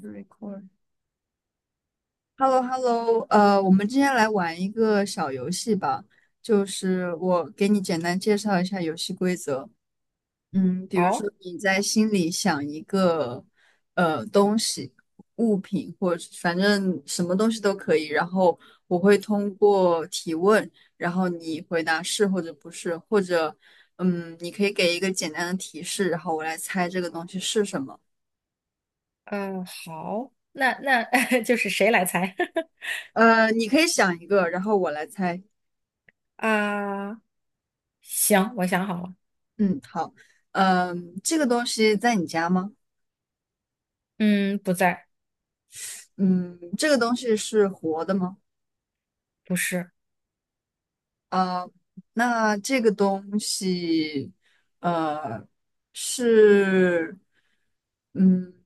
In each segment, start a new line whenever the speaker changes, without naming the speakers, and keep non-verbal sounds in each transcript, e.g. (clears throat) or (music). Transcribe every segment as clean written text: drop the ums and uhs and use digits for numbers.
r e r d h e l l o h e l l o 我们今天来玩一个小游戏吧，就是我给你简单介绍一下游戏规则。比如说
好，
你在心里想一个东西、物品，或者反正什么东西都可以，然后我会通过提问，然后你回答是或者不是，或者你可以给一个简单的提示，然后我来猜这个东西是什么。
好，那 (laughs) 就是谁来猜
你可以想一个，然后我来猜。
(laughs) 啊？行，我想好了，
嗯。这个东西在你家吗？
嗯，不在，
嗯，这个东西是活的吗？
不是，
啊，那这个东西，呃，是，嗯，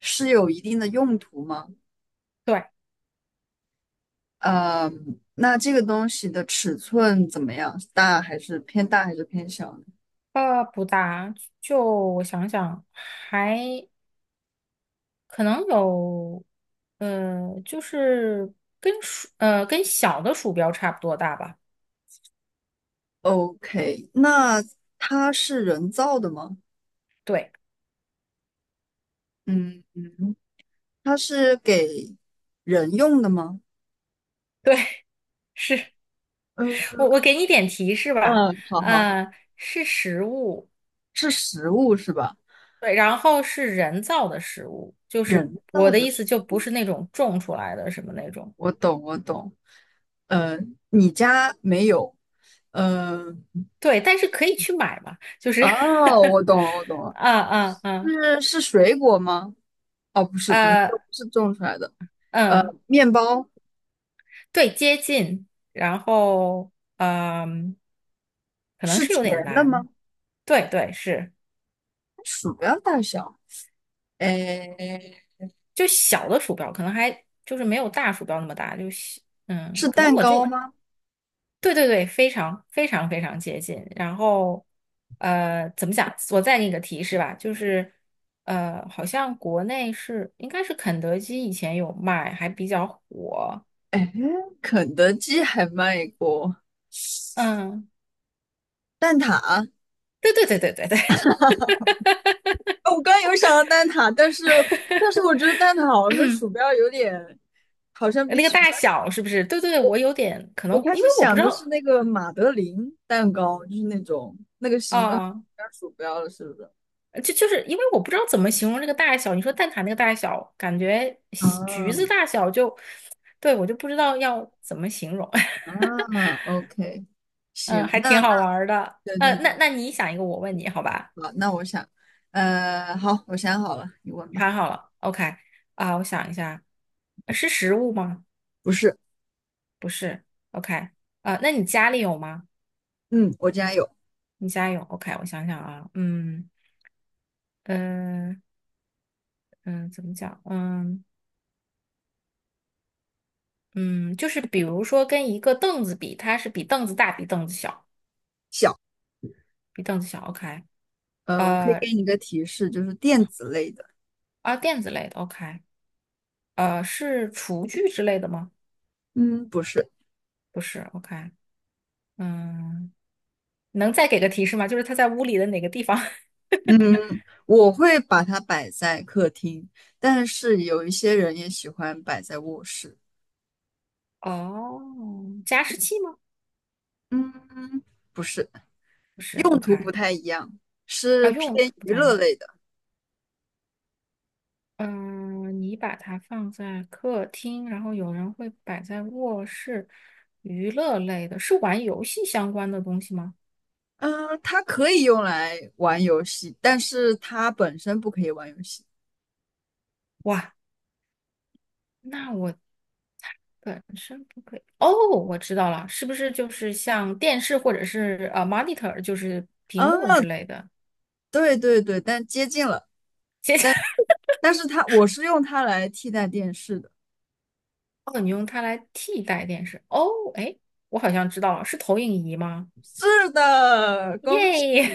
是有一定的用途吗？
对，
呃，那这个东西的尺寸怎么样？大还是偏大还是偏小呢
不大，就我想想，还可能有，就是跟小的鼠标差不多大吧？
？OK，那它是人造的吗？
对，
嗯嗯，它是给人用的吗？
对，(laughs) 是。
嗯，
我给你点提示吧。
嗯，好好
啊、
好。
是实物。
是食物是吧？
对，然后是人造的食物，就是
人
我
造
的
的
意
食
思，就不
物，
是那种种出来的什么那种。
我懂，我懂。呃，你家没有？呃，
对，但是可以去买嘛，就是
哦，
(laughs)
我懂了，我懂了。
啊啊啊
是水果吗？哦，不
(laughs)
是，不是，你说不
呃
是种出来的。呃，
嗯，
面包
对，接近，然后嗯，可能
是
是有
甜
点
的吗？
难。对对，是，
鼠标大小，哎，
就小的鼠标，可能还就是没有大鼠标那么大，就小，
是
可能
蛋
我这
糕
个。
吗？
对对对，非常非常非常接近。然后，怎么讲？我再给你个提示吧，就是，好像国内是应该是肯德基以前有卖，还比较火。
哎，肯德基还卖过
嗯，
蛋挞。
对对对对对对，
哦我刚刚有想到蛋挞，但是我觉得蛋挞好像跟鼠标有点，好
(laughs)
像比
那个
鼠
大
标。
小是不是？对对对，我有点可能，
我开
因
始
为我不
想
知
的是
道
那个马德琳蛋糕，就是那种那个形状
啊，
像鼠标了，是不是？
就是因为我不知道怎么形容这个大小。你说蛋挞那个大小，感觉
啊
橘子大小就，对，我就不知道要怎么形容。
啊，OK，行，
嗯，还
那
挺
那
好玩儿的。
对对
那
对，
那你想一个，我问你，好吧？
好，那我想，好，我想好了，你问
你
吧。
看好了，OK。 啊，我想一下，是食物吗？
不是，
不是，OK。 啊，那你家里有吗？
嗯，我竟然有，
你家有，OK，我想想啊，嗯嗯，怎么讲？嗯嗯，就是比如说跟一个凳子比，它是比凳子大，比凳子小，比凳子小，OK。
我可以
呃
给你一个提示，就是电子类的，
啊，垫子类的，OK。是厨具之类的吗？
嗯，不是。
不是，OK，嗯。能再给个提示吗？就是它在屋里的哪个地方？(laughs)
嗯，我会把它摆在客厅，但是有一些人也喜欢摆在卧室。
哦，加湿器吗？
嗯，不是，
不是
用途不
，OK。
太一样，
啊，
是
用途
偏
不
娱
太一
乐
样。
类的。
嗯、你把它放在客厅，然后有人会摆在卧室。娱乐类的，是玩游戏相关的东西吗？
嗯、它可以用来玩游戏，但是它本身不可以玩游戏。
哇，那我本身不可以。哦，我知道了，是不是就是像电视或者是monitor，就是屏
啊，
幕之类的？
对对对，但接近了。但是它，我是用它来替代电视的。
哦，你用它来替代电视。哦，哎，我好像知道了，是投影仪吗？
是的，
耶！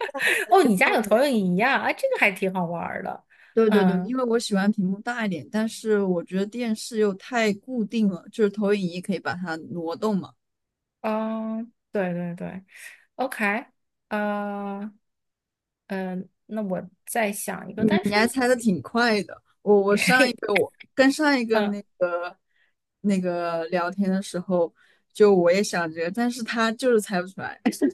(laughs) 哦，你家有投影仪呀？啊，这个还挺好玩儿的。
对对对，因
嗯，
为我喜欢屏幕大一点，但是我觉得电视又太固定了，就是投影仪可以把它挪动嘛。
嗯，对对对，OK。呃，那我再想一个，
你
但
你还
是
猜的挺快的，
(laughs)
跟上一个那
嗯
个那个聊天的时候，就我也想这个，但是他就是猜不出来。(laughs)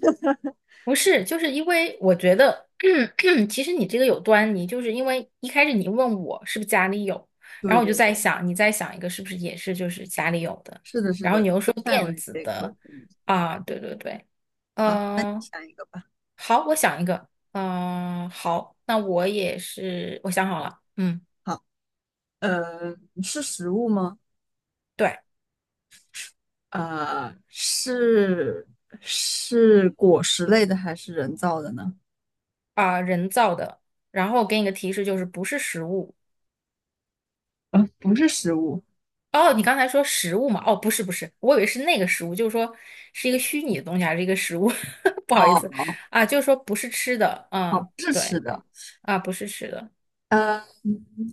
不是，就是因为我觉得，(clears throat) 其实你这个有端倪，就是因为一开始你问我是不是家里有，然
对
后我就
对
在
对，
想，你在想一个是不是也是就是家里有的，
是的，是
然后
的，
你又
这
说
个范
电
围
子
得可
的，
以。
啊，对对对，
好，那你
嗯、呃
想一个吧。
好，我想一个。嗯、好，那我也是，我想好了，嗯。
好，呃，是食物吗？
对，
呃，是是果实类的还是人造的呢？
啊、人造的，然后我给你个提示，就是不是食物。
不是食物。
哦，你刚才说食物嘛？哦，不是不是，我以为是那个食物，就是说是一个虚拟的东西还是一个食物？(laughs) 不好意
哦
思啊，就是说不是吃的，
哦，
嗯，
不是吃
对
的，
啊，不是吃的。
呃，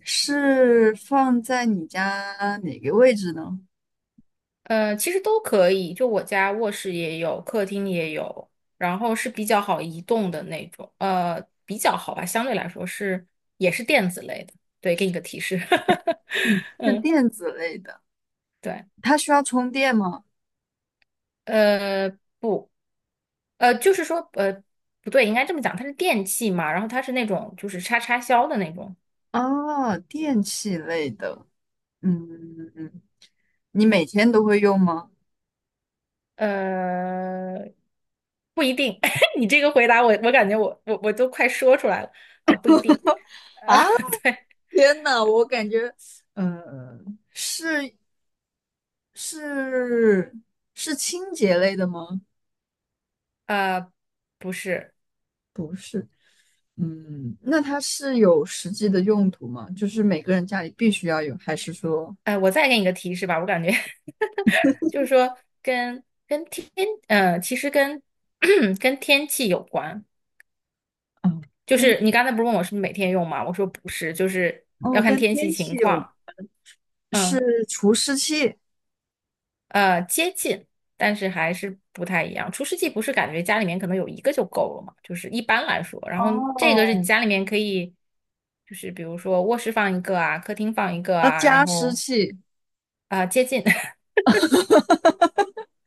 是放在你家哪个位置呢？
其实都可以，就我家卧室也有，客厅也有，然后是比较好移动的那种，比较好吧，相对来说是也是电子类的。对，给你个提示。
嗯，
(laughs)
是
嗯，
电子类的，
对，
它需要充电吗？
呃，不。就是说，不对，应该这么讲，它是电器嘛，然后它是那种就是插插销的那种。
哦，电器类的，嗯，嗯，嗯你每天都会用吗？
呃，不一定。(laughs) 你这个回答我，我感觉我都快说出来了。啊，不一定。呃，
啊，
(laughs) 对。
天呐，我感觉，呃，是是是清洁类的吗？
呃，不是。
嗯，那它是有实际的用途吗？就是每个人家里必须要有，还是说，
我再给你个提示吧，我感觉 (laughs) 就是说跟跟天，呃，其实跟 (clears throat) 跟天气有关。
嗯？
就是你刚才不是问我是不是每天用吗？我说不是，就是
哦，
要看
跟
天
天
气情
气有，
况，嗯。
是除湿器。
接近，但是还是不太一样。除湿机不是感觉家里面可能有一个就够了嘛，就是一般来说。然后这个是你
哦，
家里面可以，就是比如说卧室放一个啊，客厅放一个
那
啊。然
加湿
后
器、
啊、接近。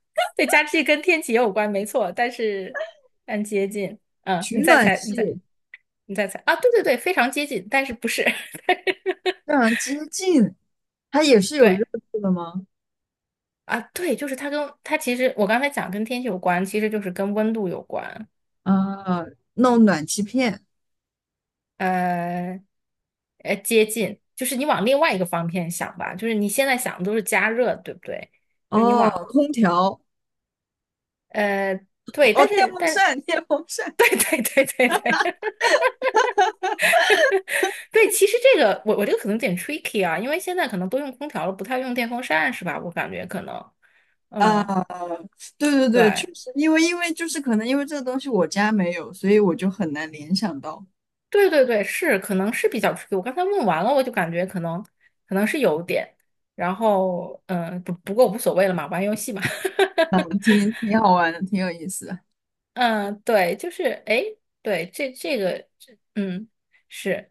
(laughs) 对，湿器跟天气也有关，没错，但接近。嗯，
取
你再
暖
猜，你再
器，
你再猜啊，对对对，非常接近，但是不是。(laughs)
让人接近。它也是有热
对
度的吗？
啊，对，就是它其实我刚才讲跟天气有关，其实就是跟温度有关。
啊，弄暖气片，
呃，接近，就是你往另外一个方面想吧，就是你现在想的都是加热，对不对？就是你
哦，
往
空调，
呃对，
哦，
但
电
是
风
但
扇，电风扇。
(laughs) 对对对对对 (laughs) 对，其实这个我这个可能有点 tricky 啊，因为现在可能都用空调了，不太用电风扇是吧？我感觉可能。
啊，
嗯，
对对对，
对
确实，因为就是可能因为这个东西我家没有，所以我就很难联想到。
对对对，是可能是比较 tricky。我刚才问完了，我就感觉可能是有点，然后不过无所谓了嘛，玩游戏嘛。(laughs)
嗯，挺好玩的，挺有意思的。
嗯，对，就是哎，诶对，这个，是，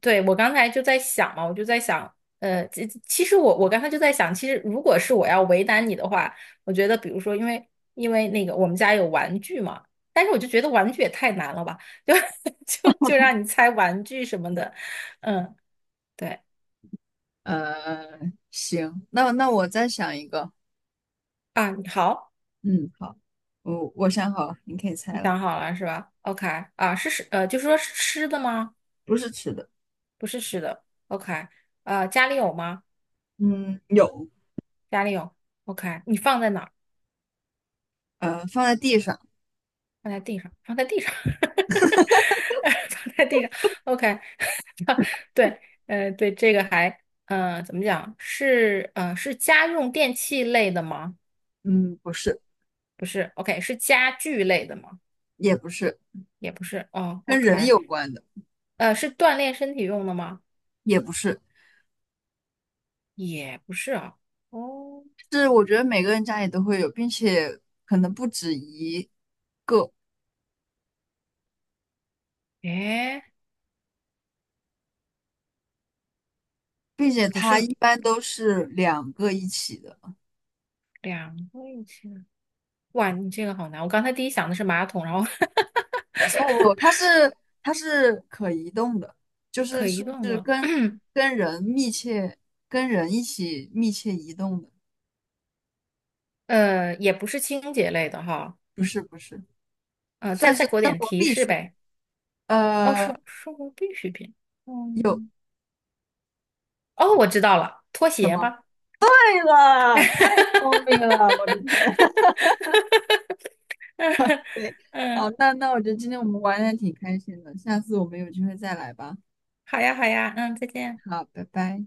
对，我刚才就在想嘛，我就在想，其实我刚才就在想，其实如果是我要为难你的话，我觉得比如说，因为那个我们家有玩具嘛，但是我就觉得玩具也太难了吧，就 (laughs) 就让你猜玩具什么的，嗯，对。
呃，行，那我再想一个。
啊，你好，
嗯，好，我想好了，你可以
你
猜了，
想好了是吧？OK。 啊，就是说是吃的吗？
不是吃的，
不是吃的，OK。 啊，家里有吗？
嗯，有，
家里有，OK，你放在哪儿？
放在地上，
放在地上，放在地上，(laughs) 放在地上，OK，对。对，这个还，呃，怎么讲？是家用电器类的吗？
嗯，不是，
不是，OK，是家具类的吗？
也不是，
也不是。哦
跟人
，OK。
有关的，
是锻炼身体用的吗？
也不是，
也不是啊。哦，
是我觉得每个人家里都会有，并且可能不止一，
诶，
并且
不
它
是。
一般都是两个一起的，
两个一起的。哇，你这个好难，我刚才第一想的是马桶，然后
哦，它是可移动的，就
(laughs)
是
可移
是
动
是
的。
跟
(clears throat)
人密切跟人一起密切移动的，
也不是清洁类的哈。
不是不是，
再
算
再
是
给我
生
点
活
提
必
示
须，
呗。哦，
呃。
生活必需品。
有。
嗯。哦，我知道了，拖
什
鞋
么？
吧。
对，好，
嗯，
那我觉得今天我们玩的挺开心的，下次我们有机会再来吧。
好呀，好呀，嗯，再见。
好，拜拜。